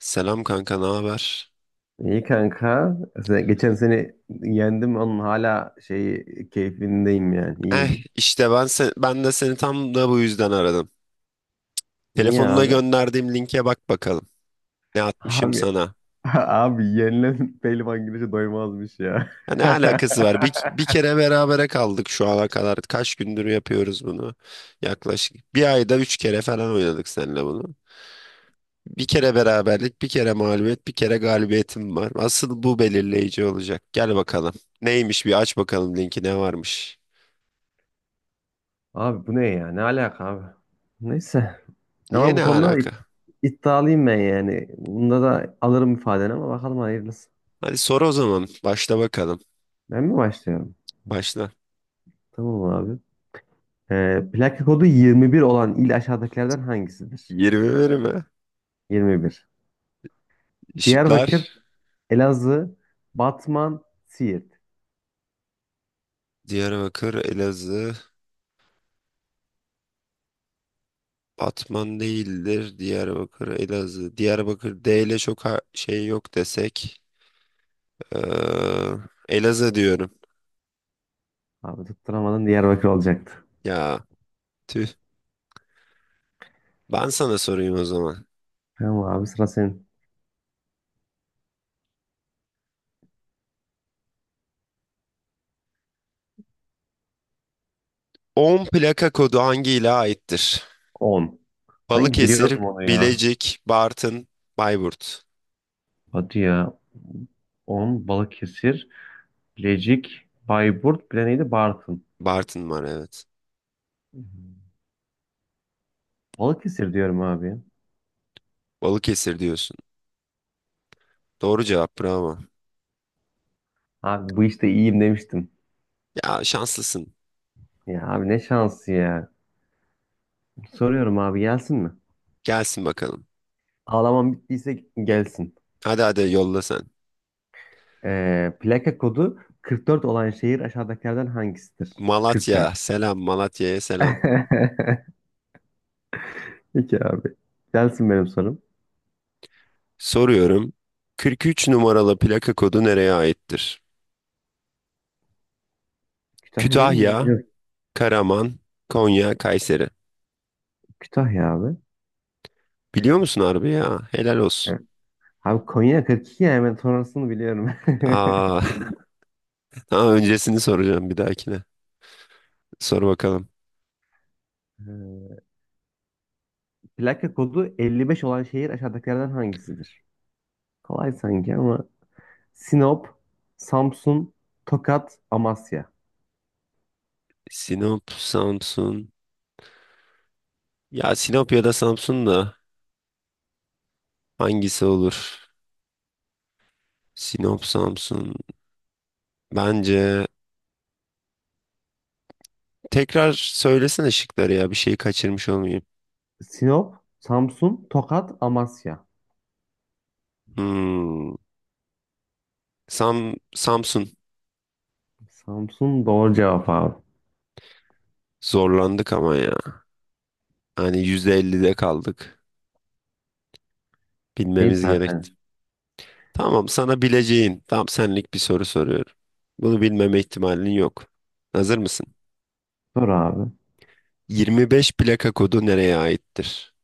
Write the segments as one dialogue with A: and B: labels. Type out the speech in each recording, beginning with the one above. A: Selam kanka, ne haber?
B: İyi kanka. Geçen sene yendim onun hala şey keyfindeyim yani.
A: Eh,
B: İyiyim.
A: işte ben de seni tam da bu yüzden aradım.
B: Niye
A: Telefonuna
B: abi?
A: gönderdiğim linke bak bakalım. Ne atmışım
B: Abi
A: sana?
B: abi yenilen pehlivan güreşe doymazmış ya.
A: Ya ne alakası var? Bir kere berabere kaldık şu ana kadar. Kaç gündür yapıyoruz bunu? Yaklaşık bir ayda üç kere falan oynadık seninle bunu. Bir kere beraberlik, bir kere mağlubiyet, bir kere galibiyetim var. Asıl bu belirleyici olacak. Gel bakalım. Neymiş bir aç bakalım linki ne varmış.
B: Abi bu ne ya? Ne alaka abi? Neyse.
A: Niye
B: Ama bu
A: ne
B: konuda da
A: alaka?
B: iddialıyım ben yani. Bunda da alırım ifadeni ama bakalım hayırlısı.
A: Hadi sor o zaman. Başla bakalım.
B: Ben mi başlıyorum?
A: Başla.
B: Tamam abi. Plaka kodu 21 olan il aşağıdakilerden hangisidir?
A: 20 verimi.
B: 21. Diyarbakır,
A: Işıklar.
B: Elazığ, Batman, Siirt.
A: Diyarbakır, Elazığ. Batman değildir. Diyarbakır, Elazığ. Diyarbakır D ile çok şey yok desek. Ee, Elazığ diyorum.
B: Abi tutturamadın, Diyarbakır olacaktı.
A: Ya tüh. Ben sana sorayım o zaman.
B: Tamam abi, sıra senin.
A: 10 plaka kodu hangi ile aittir?
B: On. Hangi,
A: Balıkesir,
B: biliyordum onu ya.
A: Bilecik, Bartın, Bayburt.
B: Hadi ya. 10. Balıkesir, Bilecik, Bayburt, bir de neydi? Bartın.
A: Bartın var evet.
B: Hı hı. Balıkesir diyorum abi.
A: Balıkesir diyorsun. Doğru cevap bravo.
B: Abi, bu işte iyiyim demiştim.
A: Ya şanslısın.
B: Ya abi, ne şansı ya. Soruyorum abi, gelsin mi?
A: Gelsin bakalım.
B: Ağlamam bittiyse gelsin.
A: Hadi hadi yolla sen.
B: Plaka kodu 44 olan şehir aşağıdakilerden hangisidir?
A: Malatya.
B: 44.
A: Selam Malatya'ya selam.
B: Peki abi. Gelsin benim sorum.
A: Soruyorum. 43 numaralı plaka kodu nereye aittir?
B: Kütahya değil mi?
A: Kütahya,
B: Yok.
A: Karaman, Konya, Kayseri.
B: Kütahya abi.
A: Biliyor musun harbi ya? Helal olsun.
B: Evet. Abi, Konya 42 yani ben sonrasını biliyorum.
A: Aa, daha öncesini soracağım bir dahakine. Sor bakalım.
B: Ee, plaka kodu 55 olan şehir aşağıdakilerden hangisidir? Kolay sanki ama Sinop, Samsun, Tokat, Amasya.
A: Sinop, Samsun. Ya Sinop ya da Samsun da hangisi olur? Sinop, Samsun. Bence tekrar söylesene şıkları ya bir şeyi kaçırmış olmayayım.
B: Sinop, Samsun, Tokat, Amasya.
A: Hmm. Samsun.
B: Samsun doğru cevap abi.
A: Zorlandık ama ya. Hani %50'de kaldık.
B: Şey
A: Bilmemiz gerekti.
B: zaten.
A: Tamam sana bileceğin tam senlik bir soru soruyorum. Bunu bilmeme ihtimalin yok. Hazır mısın?
B: Doğru abi.
A: 25 plaka kodu nereye aittir?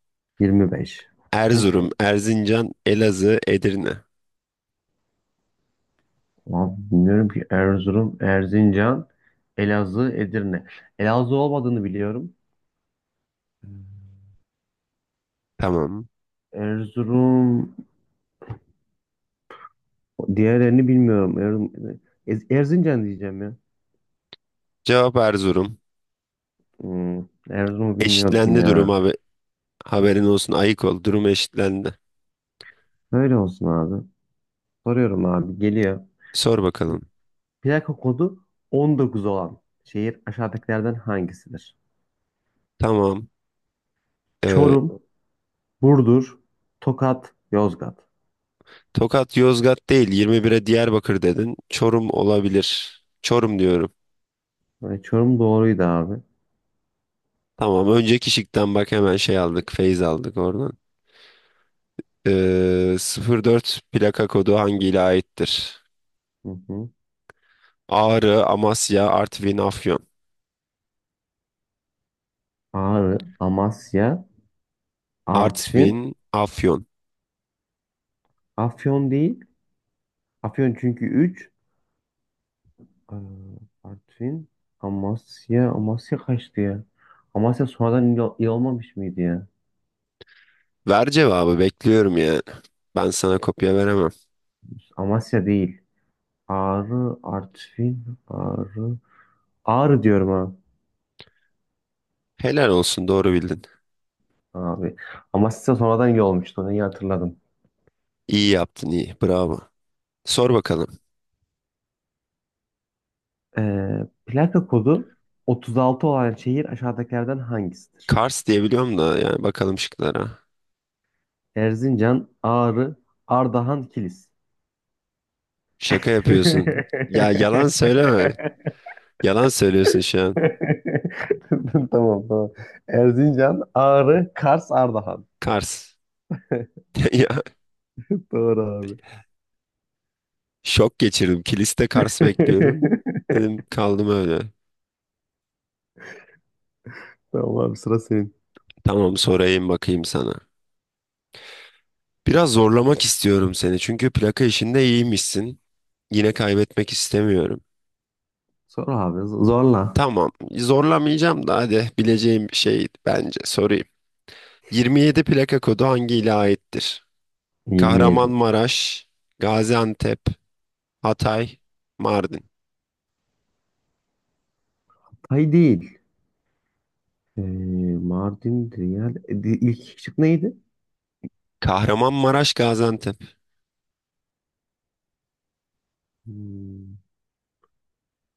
B: 25.
A: Erzurum, Erzincan, Elazığ, Edirne.
B: Abi bilmiyorum ki. Erzurum, Erzincan, Elazığ, Edirne. Elazığ olmadığını biliyorum.
A: Tamam.
B: Erzurum, diğerlerini bilmiyorum. Erzurum, Erzincan diyeceğim ya.
A: Cevap Erzurum.
B: Hmm, Erzurum'u bilmiyordum
A: Eşitlendi
B: ya.
A: durum abi. Haberin olsun ayık ol. Durum eşitlendi.
B: Böyle olsun abi. Soruyorum abi, geliyor.
A: Sor bakalım.
B: Plaka kodu 19 olan şehir aşağıdakilerden hangisidir?
A: Tamam. Ee,
B: Çorum, Burdur, Tokat, Yozgat.
A: Tokat Yozgat değil 21'e Diyarbakır dedin. Çorum olabilir. Çorum diyorum.
B: Ve Çorum doğruydu abi.
A: Tamam önceki şıktan bak hemen şey aldık feyz aldık oradan. 04 plaka kodu hangi ile aittir?
B: Hı hı.
A: Ağrı, Amasya, Artvin, Afyon.
B: Ağrı, Amasya, Artvin,
A: Artvin, Afyon.
B: Afyon değil. Afyon çünkü 3. Artvin, Amasya. Amasya kaçtı ya? Amasya sonradan il olmamış mıydı ya?
A: Ver cevabı bekliyorum ya. Ben sana kopya veremem.
B: Amasya değil. Ağrı, Artvin, Ağrı. Ağrı diyorum ha.
A: Helal olsun doğru bildin.
B: Abi. Amasya sonradan il olmuştu. Onu iyi hatırladım.
A: İyi yaptın iyi bravo. Sor bakalım.
B: Plaka kodu 36 olan şehir aşağıdakilerden hangisidir?
A: Kars diyebiliyorum da yani bakalım şıklara.
B: Erzincan, Ağrı, Ardahan, Kilis.
A: Şaka yapıyorsun. Ya yalan söyleme. Yalan söylüyorsun şu an.
B: Tamam, tamam. Erzincan, Ağrı, Kars, Ardahan.
A: Kars. Ya
B: Doğru abi.
A: şok geçirdim. Kiliste Kars bekliyordum. Dedim kaldım öyle.
B: Tamam abi, sıra senin.
A: Tamam sorayım bakayım sana. Biraz zorlamak istiyorum seni. Çünkü plaka işinde iyiymişsin. Yine kaybetmek istemiyorum.
B: Sor abi, zorla.
A: Tamam zorlamayacağım da hadi bileceğim bir şey bence sorayım. 27 plaka kodu hangi ile aittir?
B: 27.
A: Kahramanmaraş, Gaziantep, Hatay, Mardin.
B: Tay değil. Ee, Mardin, Riyal. İlk iki şık neydi?
A: Kahramanmaraş, Gaziantep,
B: Hmm,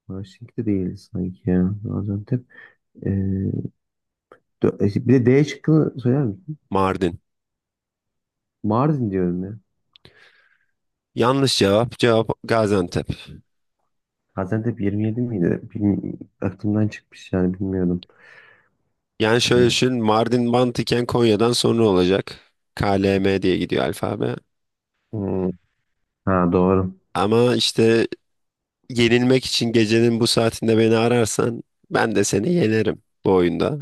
B: Washington değil sanki ya. Gaziantep. Ee, bir de D şıkkını söyler misin?
A: Mardin.
B: Mardin diyorum ya.
A: Yanlış cevap. Cevap Gaziantep.
B: Gaziantep 27 miydi? Aklımdan çıkmış yani, bilmiyordum.
A: Yani şöyle
B: Ee,
A: düşün. Mardin mantıken Konya'dan sonra olacak. K L M diye gidiyor alfabe.
B: hmm, ha, doğru.
A: Ama işte yenilmek için gecenin bu saatinde beni ararsan ben de seni yenerim bu oyunda.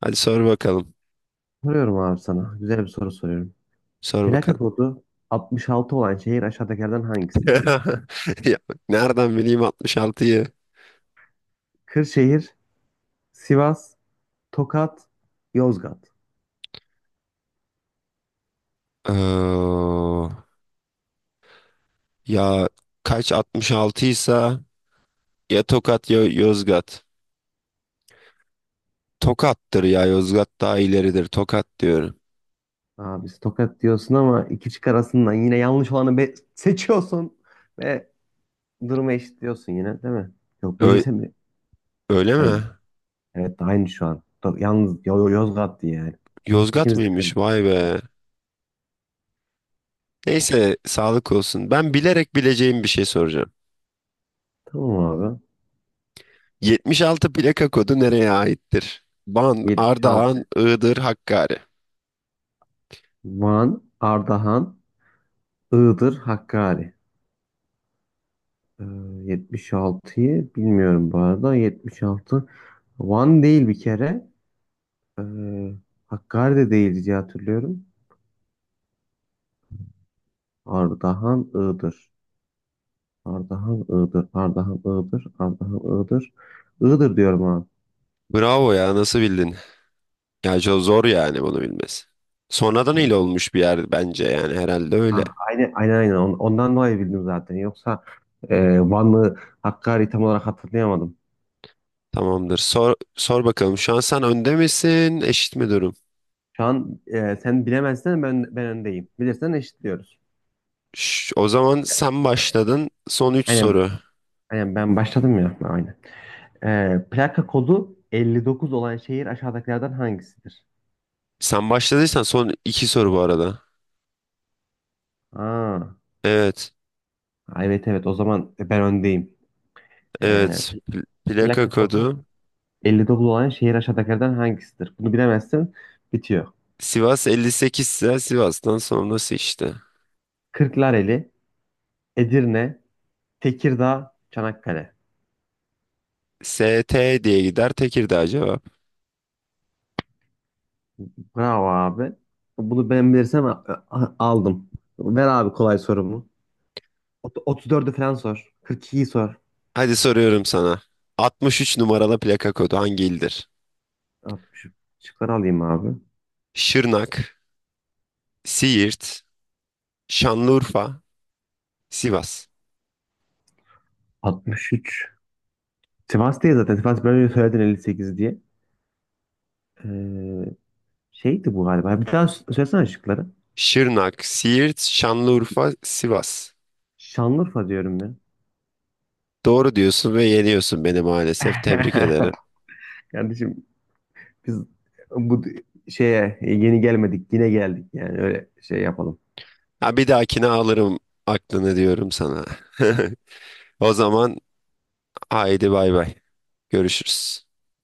A: Hadi sor bakalım.
B: Soruyorum abi sana. Güzel bir soru soruyorum.
A: Sor
B: Plaka
A: bakalım.
B: kodu 66 olan şehir aşağıdakilerden hangisidir?
A: Ya, nereden bileyim 66'yı?
B: Kırşehir, Sivas, Tokat, Yozgat.
A: Ee, ya kaç 66 ise ya Tokat ya Yozgat. Tokat'tır ya. Yozgat daha ileridir. Tokat diyorum.
B: Abi, Tokat diyorsun ama iki çık arasından yine yanlış olanı seçiyorsun ve durumu eşitliyorsun yine, değil mi? Yok,
A: Öyle,
B: bilse mi?
A: öyle mi?
B: Aynı. Evet, aynı şu an. Yalnız Yozgat diye yani.
A: Yozgat
B: İkimiz de
A: mıymış?
B: bilemedik.
A: Vay be. Neyse sağlık olsun. Ben bilerek bileceğim bir şey soracağım.
B: Tamam abi.
A: 76 plaka kodu nereye aittir? Van, Ardahan,
B: 76.
A: Iğdır, Hakkari.
B: Van, Ardahan, Iğdır, Hakkari. Ee, 76'yı bilmiyorum bu arada. 76 Van değil bir kere. Ee, Hakkari de değil diye hatırlıyorum. Ardahan, Iğdır. Ardahan, Iğdır. Ardahan, Iğdır. Ardahan, Iğdır. Iğdır diyorum abi.
A: Bravo ya nasıl bildin? Ya çok zor yani bunu bilmesi. Sonradan il olmuş bir yer bence yani herhalde öyle.
B: Ha, aynen aynen aynen. Ondan dolayı bildim zaten. Yoksa Van'ı, Hakkari tam olarak hatırlayamadım.
A: Tamamdır. Sor bakalım. Şu an sen önde misin? Eşit mi durum?
B: Şu an sen bilemezsen ben öndeyim. Bilirsen eşitliyoruz.
A: O zaman sen başladın. Son üç
B: Aynen,
A: soru.
B: aynen ben başladım ya. Aynen. Plaka kodu 59 olan şehir aşağıdakilerden hangisidir?
A: Sen başladıysan son iki soru bu arada.
B: Aa,
A: Evet.
B: evet, evet, o zaman ben öndeyim. Ee,
A: Evet. Plaka
B: plaka kodu
A: kodu.
B: 59 olan şehir aşağıdakilerden hangisidir? Bunu bilemezsin. Bitiyor.
A: Sivas 58 ise Sivas'tan sonrası işte.
B: Kırklareli, Edirne, Tekirdağ, Çanakkale.
A: S T diye gider. Tekirdağ cevap.
B: Bravo abi. Bunu ben bilirsem aldım. Ver abi kolay sorumu. 34'ü falan sor. 42'yi sor.
A: Hadi soruyorum sana. 63 numaralı plaka kodu hangi ildir?
B: 60. Şıkları alayım abi.
A: Şırnak, Siirt, Şanlıurfa, Sivas.
B: 63. Sivas değil zaten. Sivas ben önce söyledin 58 diye. Ee, şeydi bu galiba. Bir daha söylesene şıkları.
A: Şırnak, Siirt, Şanlıurfa, Sivas.
B: Şanlıurfa diyorum ya.
A: Doğru diyorsun ve yeniyorsun beni maalesef. Tebrik ederim.
B: Kardeşim, biz bu şeye yeni gelmedik, yine geldik yani. Öyle şey yapalım.
A: Ha, bir dahakine alırım aklını diyorum sana. O zaman haydi bay bay. Görüşürüz.